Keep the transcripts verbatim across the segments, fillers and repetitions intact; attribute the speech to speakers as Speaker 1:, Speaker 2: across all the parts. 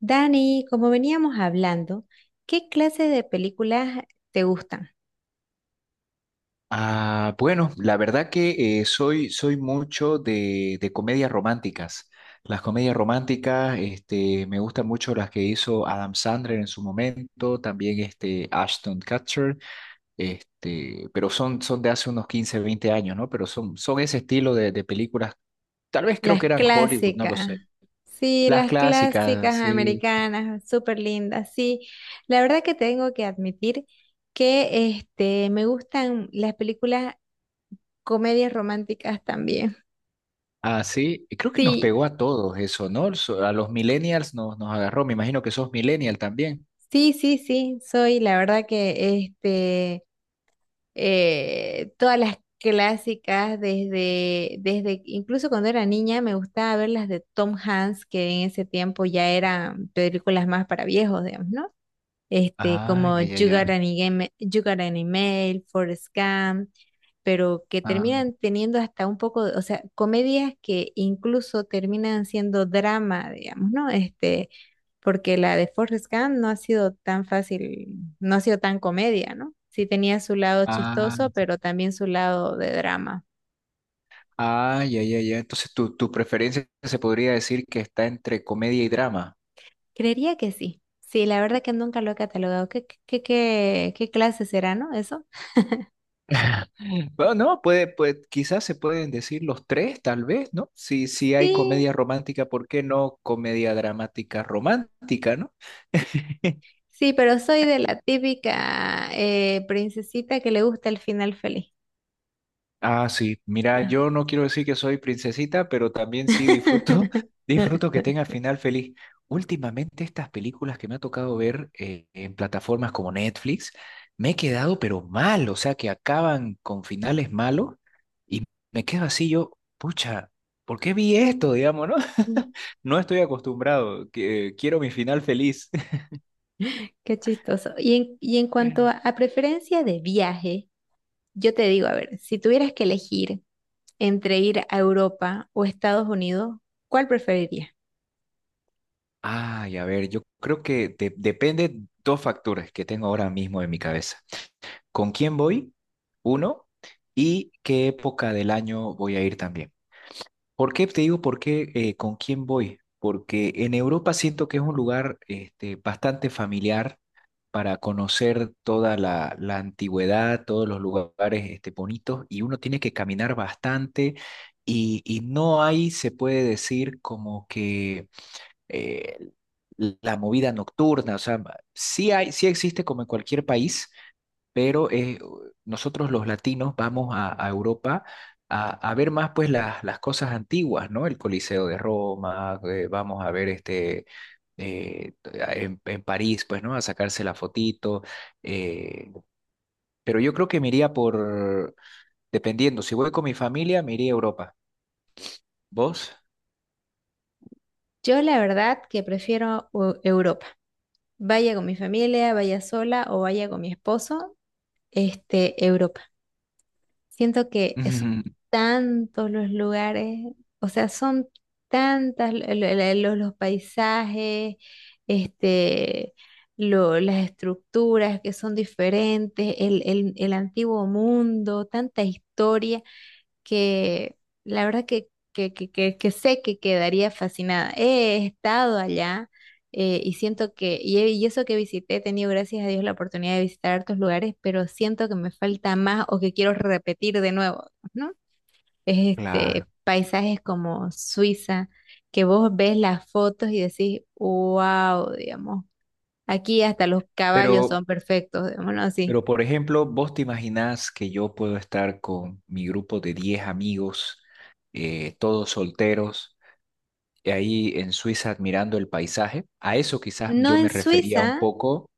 Speaker 1: Dani, como veníamos hablando, ¿qué clase de películas te gustan?
Speaker 2: Ah, bueno, la verdad que eh, soy, soy mucho de, de comedias románticas. Las comedias románticas, este, me gustan mucho las que hizo Adam Sandler en su momento, también este, Ashton Kutcher, este, pero son, son de hace unos quince veinte años, ¿no? Pero son, son ese estilo de, de películas. Tal vez creo que
Speaker 1: Las
Speaker 2: eran Hollywood, no lo sé.
Speaker 1: clásicas. Sí,
Speaker 2: Las
Speaker 1: las
Speaker 2: clásicas,
Speaker 1: clásicas
Speaker 2: sí.
Speaker 1: americanas, súper lindas. Sí, la verdad que tengo que admitir que este, me gustan las películas comedias románticas también.
Speaker 2: Ah, sí. Y creo que nos
Speaker 1: Sí,
Speaker 2: pegó a todos eso, ¿no? So- A los millennials nos, nos agarró. Me imagino que sos millennial también.
Speaker 1: sí, sí, sí, soy la verdad que este, eh, todas las clásicas desde, desde, incluso cuando era niña me gustaba ver las de Tom Hanks, que en ese tiempo ya eran películas más para viejos, digamos, ¿no? Este,
Speaker 2: Ah,
Speaker 1: como
Speaker 2: ya, ya,
Speaker 1: You Got
Speaker 2: ya.
Speaker 1: an Email, You Got an Email, Forrest Gump, pero que
Speaker 2: Ah,
Speaker 1: terminan teniendo hasta un poco, de- o sea, comedias que incluso terminan siendo drama, digamos, ¿no? Este, porque la de Forrest Gump no ha sido tan fácil, no ha sido tan comedia, ¿no? Sí tenía su lado
Speaker 2: ah,
Speaker 1: chistoso, pero también su lado de drama.
Speaker 2: ah, ya, ya, ya. Entonces tu, tu preferencia se podría decir que está entre comedia y drama.
Speaker 1: Creería que sí. Sí, la verdad que nunca lo he catalogado. ¿Qué, qué, qué, qué qué clase será, no? Eso.
Speaker 2: Bueno, no, puede, pues quizás se pueden decir los tres, tal vez, ¿no? Si, si hay
Speaker 1: Sí,
Speaker 2: comedia romántica, ¿por qué no comedia dramática romántica, ¿no?
Speaker 1: sí, pero soy de la típica eh, princesita que le gusta el final feliz.
Speaker 2: Ah, sí. Mira,
Speaker 1: Ah.
Speaker 2: yo no quiero decir que soy princesita, pero también sí disfruto, disfruto que tenga final feliz. Últimamente estas películas que me ha tocado ver eh, en plataformas como Netflix, me he quedado pero mal, o sea, que acaban con finales malos y me quedo así yo, pucha, ¿por qué vi esto, digamos, no?
Speaker 1: Mm,
Speaker 2: No estoy acostumbrado, que- eh, quiero mi final feliz.
Speaker 1: qué chistoso. Y en, y en cuanto a, a preferencia de viaje, yo te digo, a ver, si tuvieras que elegir entre ir a Europa o Estados Unidos, ¿cuál preferiría?
Speaker 2: Ay, a ver, yo creo que de- depende dos factores que tengo ahora mismo en mi cabeza. ¿Con quién voy? Uno. ¿Y qué época del año voy a ir también? ¿Por qué te digo por qué eh, con quién voy? Porque en Europa siento que es un lugar este, bastante familiar para conocer toda la, la antigüedad, todos los lugares este, bonitos y uno tiene que caminar bastante y, y no hay, se puede decir, como que eh, la movida nocturna, o sea, sí hay, sí existe como en cualquier país, pero eh, nosotros los latinos vamos a, a Europa a, a, ver más pues las, las cosas antiguas, ¿no? El Coliseo de Roma, eh, vamos a ver este... eh, en, en París, pues, ¿no? A sacarse la fotito. eh, pero yo creo que me iría por, dependiendo, si voy con mi familia, me iría a Europa. ¿Vos?
Speaker 1: Yo la verdad que prefiero Eu- Europa. Vaya con mi familia, vaya sola o vaya con mi esposo, este, Europa. Siento que son tantos los lugares, o sea, son tantas lo- lo- lo- los, los paisajes, este, lo- las estructuras que son diferentes, el, el el antiguo mundo, tanta historia que la verdad que, que, que, que, que sé que quedaría fascinada. He estado allá eh, y siento que, y, he- y eso que visité, he tenido gracias a Dios la oportunidad de visitar hartos lugares, pero siento que me falta más o que quiero repetir de nuevo, ¿no? Es este,
Speaker 2: Claro.
Speaker 1: paisajes como Suiza, que vos ves las fotos y decís, wow, digamos, aquí hasta los caballos
Speaker 2: Pero
Speaker 1: son perfectos, digámoslo así.
Speaker 2: Pero, por ejemplo, vos te imaginás que yo puedo estar con mi grupo de diez amigos, eh, todos solteros, y ahí en Suiza admirando el paisaje. A eso quizás
Speaker 1: No
Speaker 2: yo me
Speaker 1: en
Speaker 2: refería un
Speaker 1: Suiza,
Speaker 2: poco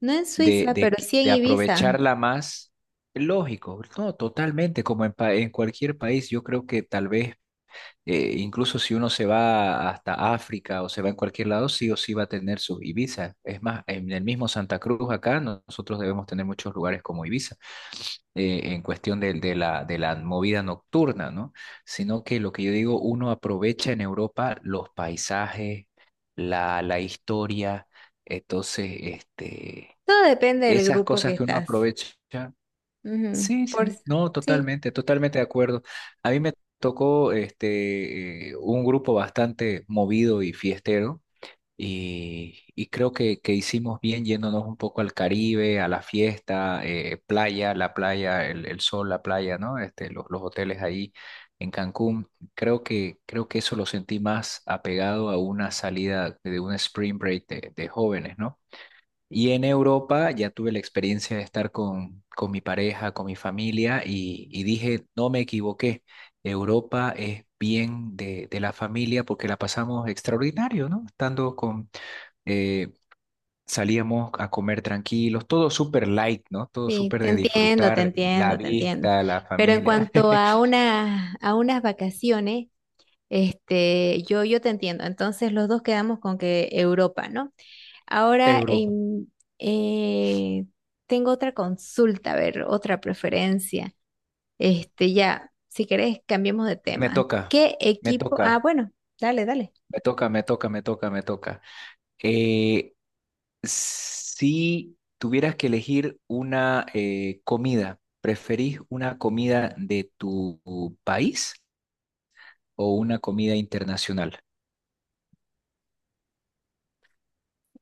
Speaker 1: no en
Speaker 2: de,
Speaker 1: Suiza,
Speaker 2: de,
Speaker 1: pero
Speaker 2: qui-
Speaker 1: sí en
Speaker 2: de
Speaker 1: Ibiza.
Speaker 2: aprovecharla más. Lógico, no, totalmente, como en, pa- en cualquier país, yo creo que tal vez eh, incluso si uno se va hasta África o se va en cualquier lado, sí o sí va a tener sus Ibiza. Es más, en el mismo Santa Cruz acá no- nosotros debemos tener muchos lugares como Ibiza, eh, en cuestión de, de la, de la movida nocturna, ¿no? Sino que lo que yo digo, uno aprovecha en Europa los paisajes, la, la historia, entonces, este,
Speaker 1: Todo depende del
Speaker 2: esas
Speaker 1: grupo que
Speaker 2: cosas que uno
Speaker 1: estás.
Speaker 2: aprovecha.
Speaker 1: Ujú.
Speaker 2: Sí,
Speaker 1: Por,
Speaker 2: sí, no,
Speaker 1: sí,
Speaker 2: totalmente, totalmente de acuerdo. A mí me tocó este eh, un grupo bastante movido y fiestero y, y creo que, que hicimos bien yéndonos un poco al Caribe, a la fiesta, eh, playa, la playa, el, el sol, la playa, ¿no? Este, los, los hoteles ahí en Cancún. Creo que, creo que eso lo sentí más apegado a una salida de un spring break de, de jóvenes, ¿no? Y en Europa ya tuve la experiencia de estar con, con mi pareja, con mi familia y, y dije, no me equivoqué, Europa es bien de, de la familia porque la pasamos extraordinario, ¿no? Estando con, eh, salíamos a comer tranquilos, todo súper light, ¿no? Todo
Speaker 1: sí,
Speaker 2: súper
Speaker 1: te
Speaker 2: de
Speaker 1: entiendo, te
Speaker 2: disfrutar la
Speaker 1: entiendo, te entiendo.
Speaker 2: vista, la
Speaker 1: Pero en
Speaker 2: familia.
Speaker 1: cuanto a una, a unas vacaciones, este, yo, yo te entiendo. Entonces los dos quedamos con que Europa, ¿no? Ahora
Speaker 2: Europa.
Speaker 1: em, eh, tengo otra consulta, a ver, otra preferencia. Este, ya, si querés, cambiemos de
Speaker 2: Me
Speaker 1: tema.
Speaker 2: toca,
Speaker 1: ¿Qué
Speaker 2: me
Speaker 1: equipo?
Speaker 2: toca,
Speaker 1: Ah, bueno, dale, dale.
Speaker 2: me toca, me toca, me toca, me toca. Eh, Si tuvieras que elegir una eh, comida, ¿preferís una comida de tu país o una comida internacional?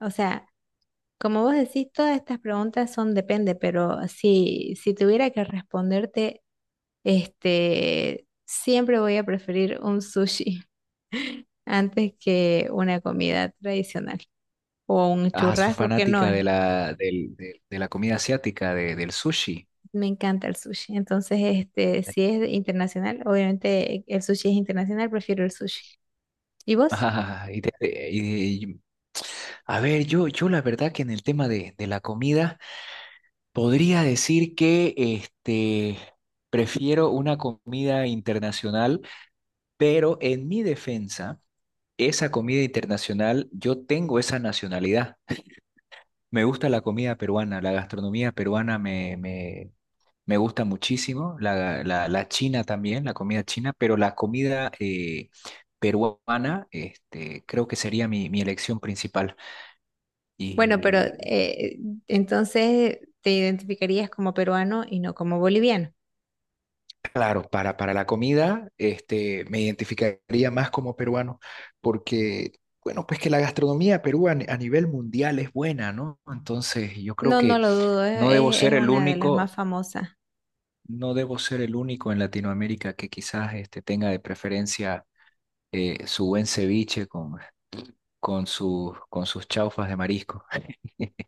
Speaker 1: O sea, como vos decís, todas estas preguntas son depende, pero si, si tuviera que responderte, este, siempre voy a preferir un sushi antes que una comida tradicional o un
Speaker 2: Ah, sos
Speaker 1: churrasco que no
Speaker 2: fanática de
Speaker 1: es.
Speaker 2: la, del- del- de la comida asiática, de- del sushi.
Speaker 1: Me encanta el sushi. Entonces, este, si es internacional, obviamente el sushi es internacional, prefiero el sushi. ¿Y vos?
Speaker 2: Ah, y te- y- y- a ver, yo, yo la verdad que en el tema de, de la comida podría decir que este, prefiero una comida internacional, pero en mi defensa... esa comida internacional, yo tengo esa nacionalidad. Me gusta la comida peruana, la gastronomía peruana me, me, me gusta muchísimo, la, la, la china también, la comida china, pero la comida eh, peruana este, creo que sería mi, mi elección principal.
Speaker 1: Bueno, pero
Speaker 2: Y
Speaker 1: eh, entonces te identificarías como peruano y no como boliviano.
Speaker 2: claro, para, para la comida, este, me identificaría más como peruano, porque, bueno, pues que la gastronomía peruana a ni- a nivel mundial es buena, ¿no? Entonces, yo creo
Speaker 1: No, no
Speaker 2: que
Speaker 1: lo dudo, es,
Speaker 2: no debo
Speaker 1: es
Speaker 2: ser
Speaker 1: es
Speaker 2: el
Speaker 1: una de las más
Speaker 2: único,
Speaker 1: famosas.
Speaker 2: no debo ser el único en Latinoamérica que quizás este, tenga de preferencia eh, su buen ceviche con, con, su- con sus chaufas de marisco.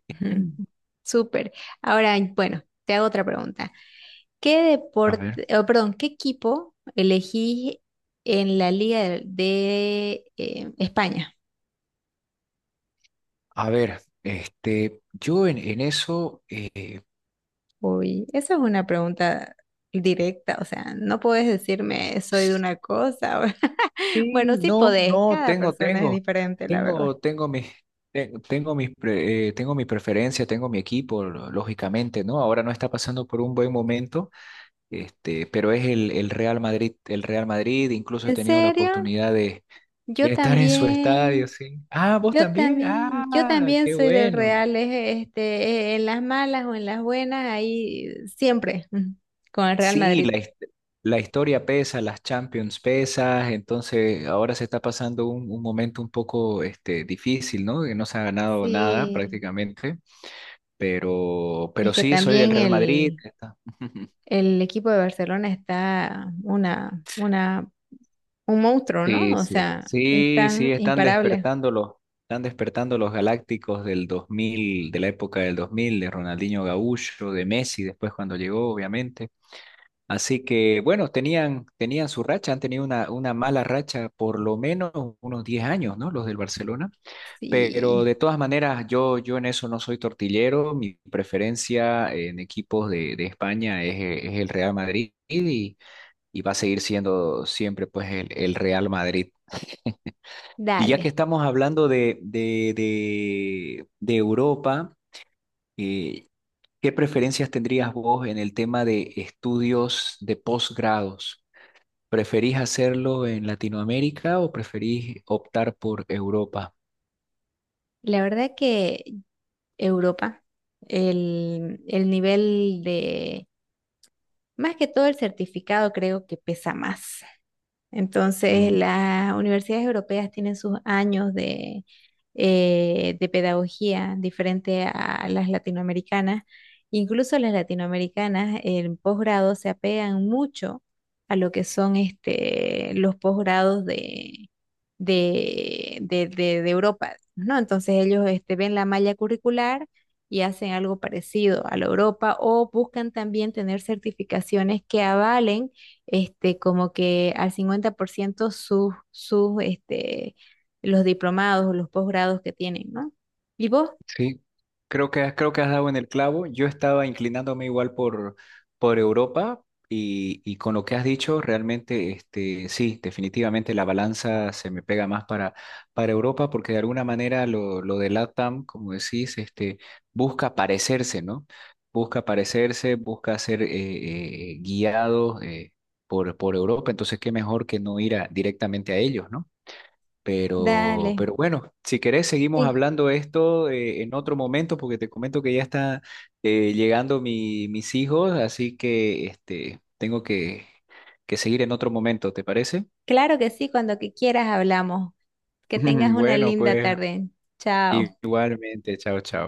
Speaker 1: Ujú.
Speaker 2: Mm.
Speaker 1: Súper. Ahora, bueno, te hago otra pregunta. ¿Qué
Speaker 2: A ver,
Speaker 1: deporte, oh, perdón, qué equipo elegís en la Liga de, de, eh, España?
Speaker 2: a ver, este, yo en, en eso, eh,
Speaker 1: Uy, esa es una pregunta directa, o sea, no puedes decirme soy de una cosa. O-
Speaker 2: sí,
Speaker 1: Bueno, sí
Speaker 2: no,
Speaker 1: podés,
Speaker 2: no,
Speaker 1: cada
Speaker 2: tengo,
Speaker 1: persona es
Speaker 2: tengo,
Speaker 1: diferente, la verdad.
Speaker 2: tengo, tengo mis, te- tengo mis, pre- eh, tengo mi preferencia, tengo mi equipo, lo- lógicamente, ¿no? Ahora no está pasando por un buen momento, este, pero es el, el Real Madrid, el Real Madrid, incluso he
Speaker 1: ¿En
Speaker 2: tenido la
Speaker 1: serio?
Speaker 2: oportunidad de, de
Speaker 1: Yo
Speaker 2: estar en su estadio,
Speaker 1: también.
Speaker 2: sí. Ah, vos
Speaker 1: Yo
Speaker 2: también,
Speaker 1: también, yo
Speaker 2: ah,
Speaker 1: también
Speaker 2: qué
Speaker 1: soy del
Speaker 2: bueno.
Speaker 1: Real, este, eh, en las malas o en las buenas, ahí siempre mm, con el Real
Speaker 2: Sí,
Speaker 1: Madrid.
Speaker 2: la, his- la historia pesa, las Champions pesas, entonces ahora se está pasando un, un momento un poco este, difícil, ¿no? Que no se ha ganado nada
Speaker 1: Sí,
Speaker 2: prácticamente, pero,
Speaker 1: es
Speaker 2: pero
Speaker 1: que
Speaker 2: sí, soy del
Speaker 1: también
Speaker 2: Real Madrid.
Speaker 1: el,
Speaker 2: Está-
Speaker 1: el equipo de Barcelona está una, una, un monstruo, ¿no?
Speaker 2: Sí,
Speaker 1: O
Speaker 2: sí,
Speaker 1: sea,
Speaker 2: sí,
Speaker 1: están
Speaker 2: sí, están
Speaker 1: imparables.
Speaker 2: despertando los, están despertando los galácticos del dos mil de la época del dos mil de Ronaldinho Gaúcho, de Messi, después cuando llegó, obviamente. Así que bueno, tenían, tenían su racha, han tenido una, una mala racha por lo menos unos diez años, ¿no? Los del Barcelona. Pero
Speaker 1: Sí,
Speaker 2: de todas maneras, yo, yo en eso no soy tortillero. Mi preferencia en equipos de, de España es, e- es el Real Madrid y, y va a seguir siendo siempre pues el, el Real Madrid. Y ya que
Speaker 1: dale.
Speaker 2: estamos hablando de, de, de, de Europa, eh, ¿qué preferencias tendrías vos en el tema de estudios de posgrados? ¿Preferís hacerlo en Latinoamérica o preferís optar por Europa?
Speaker 1: La verdad que Europa, el, el nivel de, más que todo el certificado creo que pesa más.
Speaker 2: Mm,
Speaker 1: Entonces, las universidades europeas tienen sus años de, eh, de pedagogía diferente a las latinoamericanas. Incluso las latinoamericanas en posgrado se apegan mucho a lo que son este, los posgrados de, de, de- de- de Europa, ¿no? Entonces ellos este, ven la malla curricular y hacen algo parecido a la Europa o buscan también tener certificaciones que avalen este, como que al cincuenta por ciento sus, sus, este, los diplomados o los posgrados que tienen, ¿no? ¿Y vos?
Speaker 2: sí, creo que, creo que has dado en el clavo. Yo estaba inclinándome igual por, por Europa y, y con lo que has dicho, realmente, este, sí, definitivamente la balanza se me pega más para, para Europa porque de alguna manera lo, lo de LATAM, como decís, este, busca parecerse, ¿no? Busca parecerse, busca ser eh, eh, guiado eh, por, por Europa. Entonces, qué mejor que no ir a- directamente a ellos, ¿no? Pero, pero
Speaker 1: Dale.
Speaker 2: bueno, si querés, seguimos
Speaker 1: Sí,
Speaker 2: hablando de esto eh, en otro momento, porque te comento que ya está eh, llegando mi- mis hijos, así que este, tengo que, que seguir en otro momento, ¿te parece?
Speaker 1: claro que sí, cuando que quieras hablamos. Que tengas una
Speaker 2: Bueno,
Speaker 1: linda
Speaker 2: pues
Speaker 1: tarde. Chao.
Speaker 2: igualmente, chao, chao.